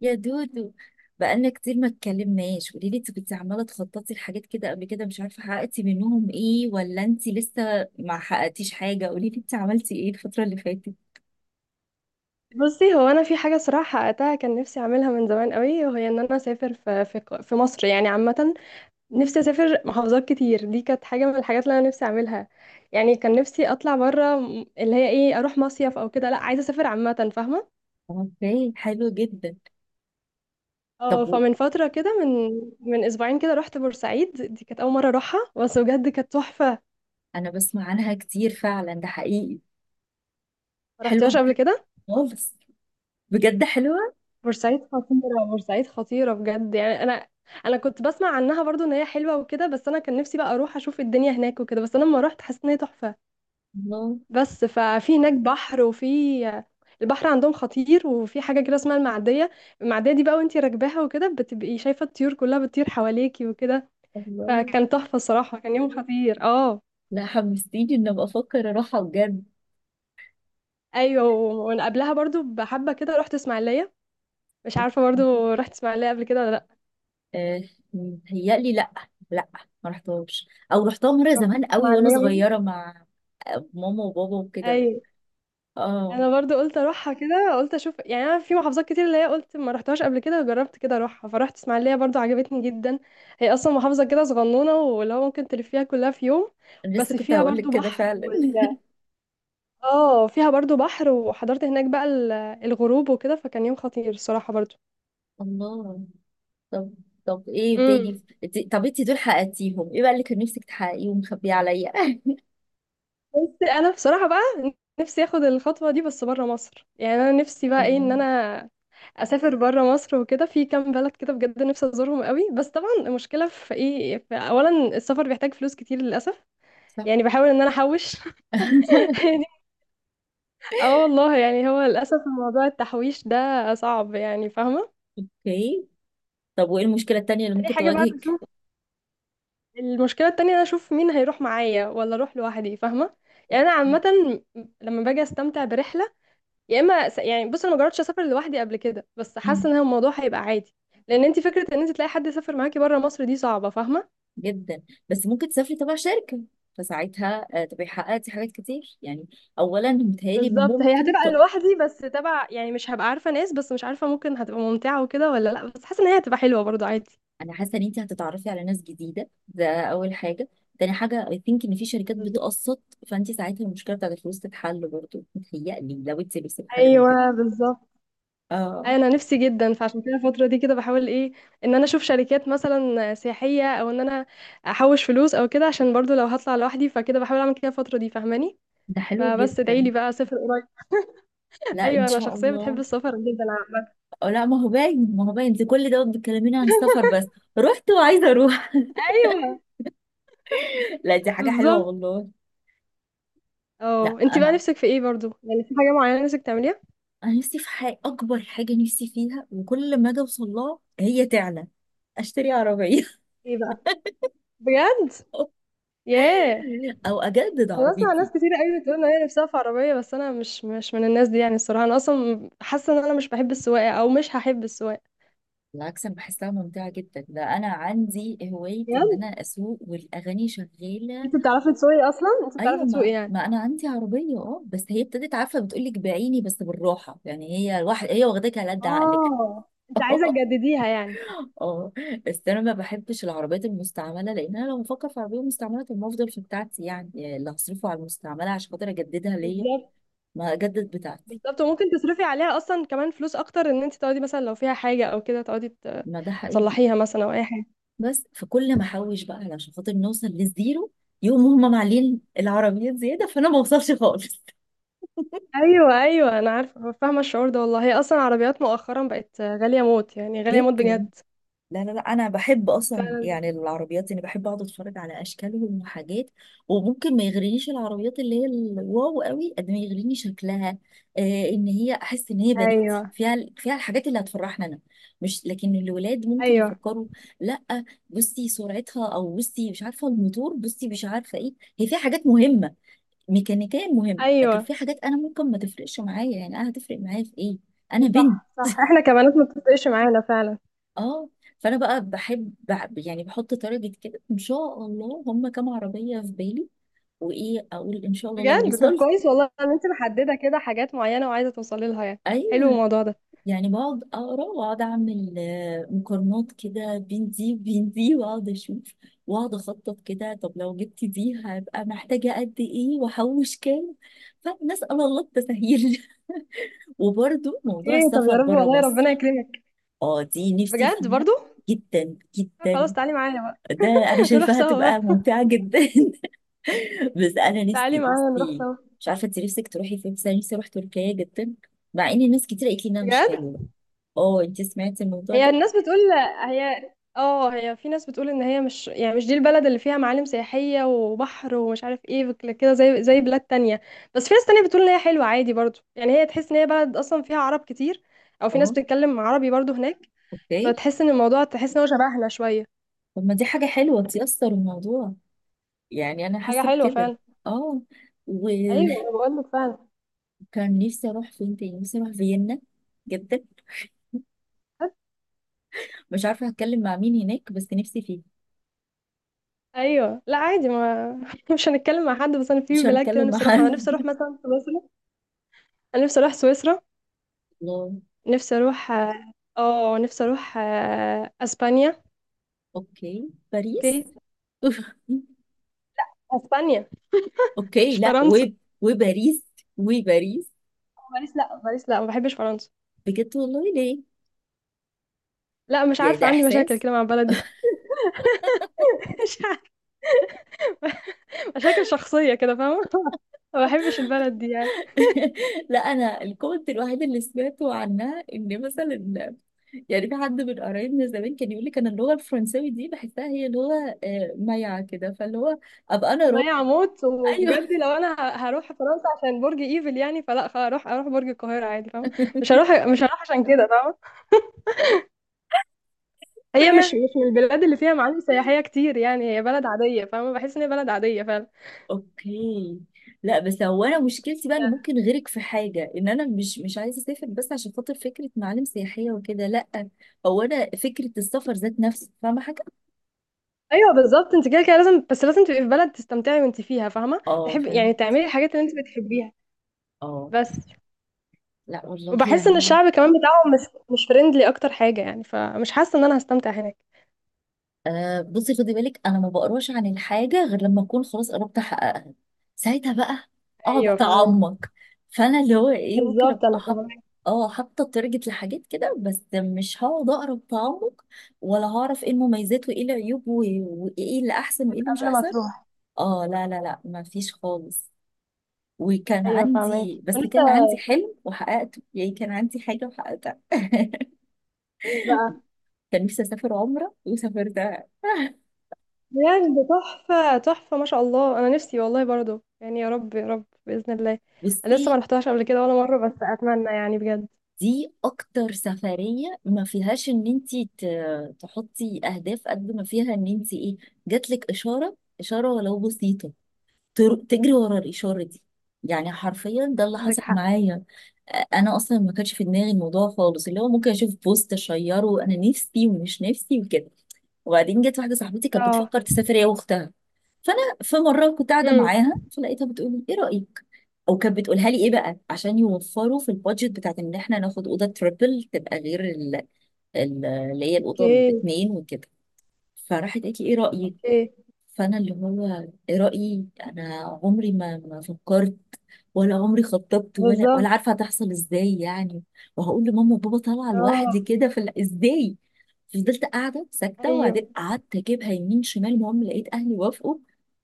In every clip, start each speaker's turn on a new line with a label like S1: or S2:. S1: يا دودو، بقالنا كتير ما اتكلمناش. قولي لي، انت كنت عماله تخططي لحاجات كده قبل كده، مش عارفه حققتي منهم ايه ولا انت لسه ما حققتيش حاجه. قولي لي انت عملتي ايه الفتره اللي فاتت؟
S2: بصي، هو انا في حاجه صراحه حققتها. كان نفسي اعملها من زمان قوي، وهي ان انا اسافر في مصر يعني عامه. نفسي اسافر محافظات كتير. دي كانت حاجه من الحاجات اللي انا نفسي اعملها. يعني كان نفسي اطلع بره اللي هي ايه اروح مصيف او كده. لا، عايزه اسافر عامه فاهمه.
S1: اوكي، حلو جدا.
S2: اه
S1: طب
S2: فمن فتره كده، من اسبوعين كده، رحت بورسعيد. دي كانت اول مره اروحها، بس بجد كانت تحفه.
S1: انا بسمع عنها كتير فعلا، ده حقيقي.
S2: ما
S1: حلوه
S2: رحتيهاش قبل
S1: بجد
S2: كده؟
S1: خالص. بجد حلوه.
S2: بورسعيد خطيرة، بورسعيد خطيرة بجد، يعني انا كنت بسمع عنها برضو ان هي حلوة وكده، بس انا كان نفسي بقى اروح اشوف الدنيا هناك وكده. بس انا لما رحت حسيت ان هي تحفة.
S1: الله.
S2: بس ففي هناك بحر، وفي البحر عندهم خطير، وفي حاجة كده اسمها المعدية. المعدية دي بقى وانتي راكباها وكده، بتبقي شايفة الطيور كلها بتطير حواليكي وكده.
S1: الله.
S2: فكان تحفة الصراحة، كان يوم خطير. اه،
S1: لا، حمستيني ان ابقى افكر اروحها بجد.
S2: ايوه، وانا قبلها برضو بحبة كده رحت اسماعيلية. مش عارفة برضو رحت اسماعيلية قبل كده ولا لا.
S1: آه، متهيألي لأ. لأ، ما رحتهمش أو رحتها مرة
S2: رحت
S1: زمان قوي وأنا
S2: اسماعيلية برضو؟
S1: صغيرة مع ماما وبابا وكده.
S2: ايوه،
S1: اه.
S2: انا برضو قلت اروحها كده، قلت اشوف، يعني انا في محافظات كتير اللي هي قلت ما رحتهاش قبل كده، جربت كده اروحها. فرحت اسماعيليه برضو، عجبتني جدا. هي اصلا محافظه كده صغنونه، واللي هو ممكن تلفيها كلها في يوم.
S1: أنا لسه
S2: بس
S1: كنت
S2: فيها
S1: هقولك
S2: برضو
S1: كده
S2: بحر
S1: فعلا.
S2: وال... اه فيها برضو بحر، وحضرت هناك بقى الغروب وكده. فكان يوم خطير الصراحه برضو.
S1: الله. طب طب ايه
S2: امم
S1: تاني طب انتي دول حققتيهم ايه بقى اللي كان نفسك تحققيه ومخبيه عليا؟
S2: بس انا بصراحه بقى، نفسي اخد الخطوه دي بس بره مصر. يعني انا نفسي بقى ايه،
S1: الله.
S2: ان انا اسافر بره مصر وكده. في كام بلد كده بجد نفسي ازورهم قوي، بس طبعا المشكله في ايه، في اولا السفر بيحتاج فلوس كتير للاسف.
S1: صح.
S2: يعني بحاول ان انا احوش. يعني، اه والله، يعني هو للاسف موضوع التحويش ده صعب، يعني فاهمه.
S1: اوكي. طب وايه المشكلة التانية اللي
S2: تاني
S1: ممكن
S2: حاجه بقى
S1: تواجهك؟
S2: بشوف، المشكله التانية انا اشوف مين هيروح معايا ولا اروح لوحدي فاهمه. يعني انا عامه لما باجي استمتع برحله، يا اما يعني بص، انا ما جربتش اسافر لوحدي قبل كده، بس حاسه
S1: أوكي.
S2: ان هو الموضوع هيبقى عادي. لان انت فكره ان انت تلاقي حد يسافر معاكي بره مصر دي صعبه فاهمه.
S1: جدا. بس ممكن تسافري تبع شركة، فساعتها تبقي حققتي حاجات كتير يعني. اولا متهيألي
S2: بالظبط، هي
S1: ممكن
S2: هتبقى لوحدي بس تبع، يعني مش هبقى عارفة ناس، بس مش عارفة ممكن هتبقى ممتعة وكده ولا لا، بس حاسة ان هي هتبقى حلوة برضو عادي.
S1: انا حاسه ان انت هتتعرفي على ناس جديده، ده اول حاجه. تاني حاجه، اي ثينك ان في شركات
S2: بالظبط.
S1: بتقسط. فانت ساعتها المشكله بتاعت الفلوس تتحل برضه متهيألي لو انت نفسك في حاجه زي كده.
S2: ايوه، بالظبط.
S1: اه،
S2: أيوة، انا نفسي جدا، فعشان كده الفترة دي كده بحاول ايه، ان انا اشوف شركات مثلا سياحية، او ان انا احوش فلوس او كده، عشان برضو لو هطلع لوحدي فكده بحاول اعمل كده الفترة دي فاهماني.
S1: ده حلو
S2: فبس ادعيلي
S1: جدا.
S2: بقى اسافر قريب.
S1: لا، ان
S2: ايوه، انا
S1: شاء
S2: شخصية بتحب
S1: الله.
S2: السفر جدا عامة.
S1: أو لا، ما هو باين. ما هو باين انت كل ده بتكلميني عن السفر بس. رحت وعايزه اروح.
S2: ايوه،
S1: لا، دي حاجه حلوه
S2: بالظبط.
S1: والله. لا،
S2: اه، انتي بقى
S1: انا
S2: نفسك في ايه برضو، يعني في حاجة معينة نفسك تعمليها؟
S1: انا نفسي في حاجه. اكبر حاجه نفسي فيها وكل ما اجي اوصل لها هي تعلى. اشتري عربيه.
S2: ايه بقى؟ بجد؟ ياه.
S1: او اجدد
S2: انا بسمع ناس
S1: عربيتي.
S2: كتير قوي بتقول ان هي نفسها في عربيه، بس انا مش من الناس دي يعني. الصراحه انا اصلا حاسه ان انا مش بحب السواقه، او مش هحب السواقه.
S1: بالعكس، انا بحسها ممتعه جدا. ده انا عندي هوايه ان
S2: بجد؟
S1: انا اسوق والاغاني شغاله.
S2: انت بتعرفي تسوقي اصلا؟ انت
S1: ايوه،
S2: بتعرفي تسوقي
S1: ما
S2: يعني؟
S1: ما انا عندي عربيه، اه. بس هي ابتدت، عارفه، بتقول لك بعيني بس بالراحه. يعني هي الواحد، هي واخداك على قد عقلك.
S2: اه، انت عايزه تجدديها يعني.
S1: اه. بس انا ما بحبش العربيات المستعمله، لان انا لو بفكر في عربيه مستعمله، طب ما افضل في بتاعتي يعني اللي هصرفه على المستعمله عشان خاطر اجددها ليا،
S2: بالظبط.
S1: ما اجدد بتاعتي.
S2: بالظبط، وممكن تصرفي عليها اصلا كمان فلوس اكتر، ان انت تقعدي مثلا لو فيها حاجه او كده، تقعدي
S1: ما ده حقيقي.
S2: تصلحيها مثلا او اي حاجه.
S1: بس فكل ما احوش بقى علشان خاطر نوصل للزيرو، يقوم هم معلين العربيات زياده فانا ما اوصلش خالص.
S2: ايوه، ايوه، انا عارفه، فاهمه الشعور ده والله. هي اصلا عربيات مؤخرا بقت غاليه موت، يعني غاليه
S1: جيت.
S2: موت بجد.
S1: لا، لا، لا، انا بحب اصلا
S2: فعلا.
S1: يعني العربيات، اني بحب اقعد اتفرج على اشكالهم وحاجات. وممكن ما يغرينيش العربيات اللي هي الواو قوي قد ما يغريني شكلها. آه، ان هي احس ان هي بناتي
S2: ايوه،
S1: فيها الحاجات اللي هتفرحنا انا. مش، لكن الولاد ممكن
S2: ايوه،
S1: يفكروا. لا. بصي سرعتها، او بصي مش عارفه الموتور، بصي مش عارفه ايه. هي فيها حاجات مهمه، ميكانيكيا مهمه، لكن
S2: ايوه.
S1: في حاجات انا ممكن ما تفرقش معايا. يعني انا هتفرق معايا في ايه؟ انا بنت.
S2: صح، صح، احنا كبنات ما بتفرقش معانا فعلا.
S1: اه، فانا بقى يعني بحط تارجت كده، ان شاء الله هم كام عربيه في بالي. وايه اقول، ان شاء الله لو
S2: بجد؟ طب
S1: وصلت.
S2: كويس والله ان انت محدده كده حاجات معينه وعايزه توصلي لها يعني. حلو
S1: ايوه.
S2: الموضوع ده.
S1: يعني بقعد اقرا واقعد اعمل مقارنات كده بين دي وبين دي، واقعد اشوف واقعد اخطط كده. طب لو جبت دي هبقى محتاجه قد ايه واحوش كام؟ فنسال الله التسهيل. وبرده موضوع
S2: اوكي. طب
S1: السفر
S2: يا رب
S1: بره
S2: والله ربنا
S1: مصر.
S2: يكرمك.
S1: اه، دي نفسي
S2: بجد
S1: فيها
S2: برضو.
S1: جدا
S2: خلاص،
S1: جدا.
S2: تعالي معايا بقى.
S1: ده انا
S2: نروح
S1: شايفاها
S2: سوا
S1: تبقى
S2: بقى.
S1: ممتعة جدا. بس انا
S2: تعالي
S1: نفسي،
S2: معايا نروح
S1: نفسي.
S2: سوا.
S1: مش عارفة انت نفسك تروحي فين، بس انا نفسي اروح تركيا جدا. مع ان ناس كتير قالت لي انها مش
S2: بجد؟
S1: حلوة. اه، انت سمعتي الموضوع
S2: هي
S1: ده؟
S2: الناس بتقول، هي، اه هي في ناس بتقول ان هي مش، يعني مش دي البلد اللي فيها معالم سياحية وبحر ومش عارف ايه كده زي بلاد تانية. بس في ناس تانية بتقول ان هي حلوة عادي برضو، يعني هي تحس ان هي بلد اصلا فيها عرب كتير، او في ناس
S1: اه.
S2: بتتكلم عربي برضو هناك،
S1: اوكي.
S2: فتحس ان الموضوع، تحس ان هو شبهنا شوية.
S1: طب ما دي حاجة حلوة تيسر الموضوع. يعني انا
S2: حاجة
S1: حاسة
S2: حلوة
S1: بكده.
S2: فعلا.
S1: اه، وكان.
S2: ايوه انا بقول لك فعلا.
S1: نفسي اروح فين تاني؟ نفسي اروح فيينا جدا. مش عارفة هتكلم مع مين هناك، بس نفسي فيه.
S2: ايوه لا عادي، ما مش هنتكلم مع حد. بس انا في
S1: مش
S2: بلاد كده
S1: هتكلم مع
S2: نفسي اروحها. انا نفسي اروح
S1: حد.
S2: مثلا سويسرا. انا نفسي اروح سويسرا.
S1: الله.
S2: نفسي اروح نفسي اروح اسبانيا.
S1: اوكي. باريس.
S2: اوكي، اسبانيا.
S1: اوكي،
S2: مش
S1: لا
S2: فرنسا.
S1: وباريس وباريس.
S2: باريس لا، باريس لا، ما بحبش فرنسا.
S1: بجد والله؟ ليه؟
S2: لا، مش
S1: يعني
S2: عارفه
S1: ده
S2: عندي مشاكل
S1: احساس؟
S2: كده مع البلد دي. مش عارفة. مشاكل شخصيه كده فاهمه. ما بحبش البلد دي يعني.
S1: لا، انا الكومنت الوحيد اللي سمعته عنها ان مثلا، يعني في حد من قرايبنا زمان كان يقول لي كان اللغه الفرنساوي دي بحسها هي لغه مايعه كده، فاللي هو ابقى انا
S2: ما هي
S1: راجل.
S2: عمود،
S1: ايوه.
S2: وبجد لو انا هروح فرنسا عشان برج ايفل، يعني فلا، هروح اروح برج القاهره عادي فاهمه. مش هروح، مش هروح عشان كده فاهمه. هي مش
S1: فهي.
S2: مش من البلاد اللي فيها معالم سياحيه كتير يعني. هي بلد عاديه فاهمه، بحس ان هي بلد عاديه فعلا.
S1: اوكي. لا بس هو انا مشكلتي بقى ان ممكن غيرك في حاجه، ان انا مش عايزه اسافر بس عشان خاطر فكره معالم سياحيه وكده، لا. هو انا فكره السفر ذات نفسه، فاهمه، حاجه.
S2: ايوه، بالظبط. انت كده كده لازم، بس لازم تبقي في بلد تستمتعي وانت فيها فاهمه،
S1: اه،
S2: تحب
S1: فاهمه.
S2: يعني تعملي الحاجات اللي انت بتحبيها.
S1: اه.
S2: بس
S1: لا والله
S2: وبحس ان
S1: يعني.
S2: الشعب كمان بتاعهم مش فريندلي اكتر حاجه يعني، فمش حاسه ان انا هستمتع هناك.
S1: آه، بصي خدي بالك، انا ما بقراش عن الحاجه غير لما اكون خلاص قربت احققها. ساعتها بقى اقعد
S2: ايوه فاهمك.
S1: اتعمق. فانا اللي هو ايه، ممكن
S2: بالظبط،
S1: ابقى
S2: انا
S1: حاط.
S2: فاهمك.
S1: اه، حاطه تارجت لحاجات كده، بس مش هقعد اقرا بتعمق، ولا هعرف ايه المميزات وايه العيوب وايه اللي احسن وايه اللي مش
S2: قبل ما
S1: احسن.
S2: تروح.
S1: اه، لا، لا، لا، ما فيش خالص. وكان
S2: ايوه فاهمك.
S1: عندي بس
S2: ولسه
S1: كان عندي حلم وحققته، يعني كان عندي حاجه وحققتها.
S2: بقى.
S1: كان نفسي اسافر عمره وسافرتها.
S2: بجد؟ تحفه، تحفه، ما شاء الله. انا نفسي والله برضو يعني، يا رب، يا رب باذن الله. انا لسه ما
S1: بصي،
S2: رحتهاش قبل كده ولا مره، بس اتمنى يعني بجد.
S1: دي اكتر سفرية ما فيهاش ان انتي تحطي اهداف قد ما فيها ان انتي ايه. جاتلك اشارة، اشارة ولو بسيطة. تجري ورا الاشارة دي. يعني حرفيا ده اللي
S2: عندك
S1: حصل
S2: حق.
S1: معايا. انا اصلا ما كانش في دماغي الموضوع خالص، اللي هو ممكن اشوف بوست اشيره انا نفسي ومش نفسي وكده. وبعدين جت واحده صاحبتي كانت
S2: اه.
S1: بتفكر تسافر هي واختها. فانا في مره كنت قاعده
S2: امم
S1: معاها فلقيتها بتقول لي، ايه رايك. او كانت بتقولها لي ايه بقى عشان يوفروا في البادجت بتاعت ان احنا ناخد اوضه تريبل تبقى غير اللي هي الاوضه
S2: اوكي.
S1: الاثنين وكده. فراحت قالت لي، ايه رايك.
S2: اوكي.
S1: فانا اللي هو، رايي انا عمري ما فكرت ولا عمري خططت ولا
S2: بالظبط.
S1: عارفه هتحصل ازاي يعني. وهقول لماما وبابا طالعه
S2: اه.
S1: لوحدي كده، في ازاي. فضلت قاعده ساكته،
S2: ايوه.
S1: وبعدين قعدت اجيبها يمين شمال. المهم لقيت اهلي وافقوا.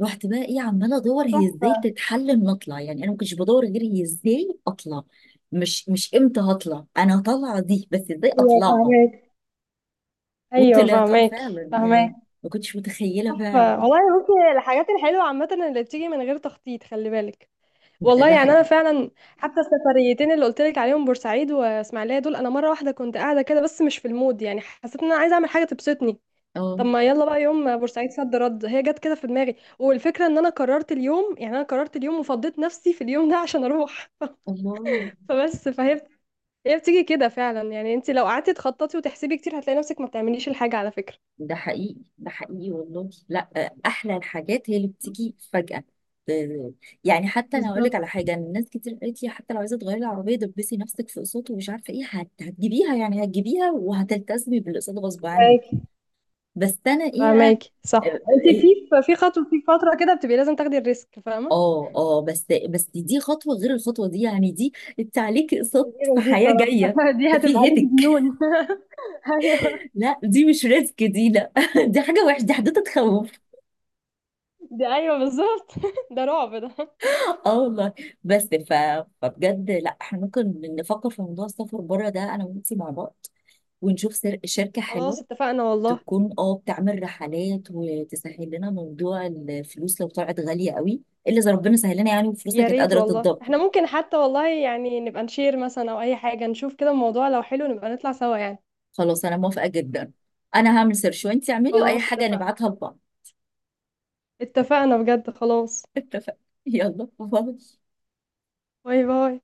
S1: رحت بقى ايه، عماله ادور هي ازاي
S2: صح.
S1: تتحل، ان اطلع. يعني انا ما كنتش بدور غير هي ازاي اطلع. مش امتى هطلع، انا طالعه دي، بس ازاي
S2: ايوه
S1: اطلعها.
S2: فهمك. ايوه
S1: وطلعتها
S2: فهماكي،
S1: فعلا يعني.
S2: فهماكي.
S1: ما كنتش متخيله فعلا.
S2: تحفه والله. بصي، الحاجات الحلوه عامه اللي بتيجي من غير تخطيط، خلي بالك.
S1: ده
S2: والله
S1: ده
S2: يعني انا
S1: حقيقي.
S2: فعلا، حتى السفريتين اللي قلت لك عليهم بورسعيد واسماعيليه دول، انا مره واحده كنت قاعده كده بس مش في المود، يعني حسيت ان انا عايزه اعمل حاجه تبسطني.
S1: اه.
S2: طب ما يلا بقى يوم بورسعيد، صد رد هي جت كده في دماغي، والفكره ان انا قررت اليوم، يعني انا قررت اليوم وفضيت نفسي في اليوم ده عشان اروح.
S1: الله.
S2: فبس هي بتيجي كده فعلا يعني. انت لو قعدتي تخططي وتحسبي كتير هتلاقي نفسك ما بتعمليش الحاجه على فكره.
S1: ده حقيقي، ده حقيقي والله. لا احلى الحاجات هي اللي بتيجي فجأة. ب- يعني حتى انا هقول لك
S2: بالضبط.
S1: على حاجه، إن الناس كتير قالت لي حتى لو عايزه تغيري العربيه دبسي نفسك في اقساط ومش عارفه ايه، هتجيبيها يعني. هتجيبيها وهتلتزمي بالاقساط غصب عنك.
S2: فاهماكِ،
S1: بس انا ايه بقى.
S2: فاهماكِ،
S1: اه
S2: صح. أنتِ
S1: إيه؟
S2: في ف في خطوة في فترة كده بتبقي لازم تاخدي الrisk فاهمة؟
S1: اه بس دي خطوه غير الخطوه دي، يعني دي. انت عليكي اقساط في
S2: غير دي
S1: حياه جايه.
S2: الصراحة. دي
S1: ده
S2: هتبقى
S1: في
S2: عليكِ
S1: هيدك.
S2: ديون. أيوه،
S1: لا، دي مش ريسك دي، لا، دي حاجه وحشه، دي حدوته تخوف.
S2: دي أيوه بالضبط. ده رعب ده.
S1: اه والله. بس. ف... فبجد، لا احنا ممكن نفكر في موضوع السفر بره ده انا وانتي مع بعض. ونشوف شركة
S2: خلاص
S1: حلوة
S2: اتفقنا والله.
S1: تكون اه بتعمل رحلات وتسهل لنا موضوع الفلوس لو طلعت غالية قوي. الا اذا ربنا سهل لنا يعني، وفلوسها
S2: يا
S1: كانت
S2: ريت
S1: قادرة
S2: والله.
S1: تتدبر.
S2: إحنا ممكن حتى والله يعني نبقى نshare مثلًا أو أي حاجة، نشوف كده الموضوع لو حلو نبقى نطلع سوا يعني.
S1: خلاص، انا موافقة جدا. انا هعمل سيرش وانتي اعملي، واي
S2: خلاص
S1: حاجة
S2: اتفقنا،
S1: نبعتها لبعض.
S2: اتفقنا بجد خلاص.
S1: اتفقنا. يلا، باي.
S2: باي، باي.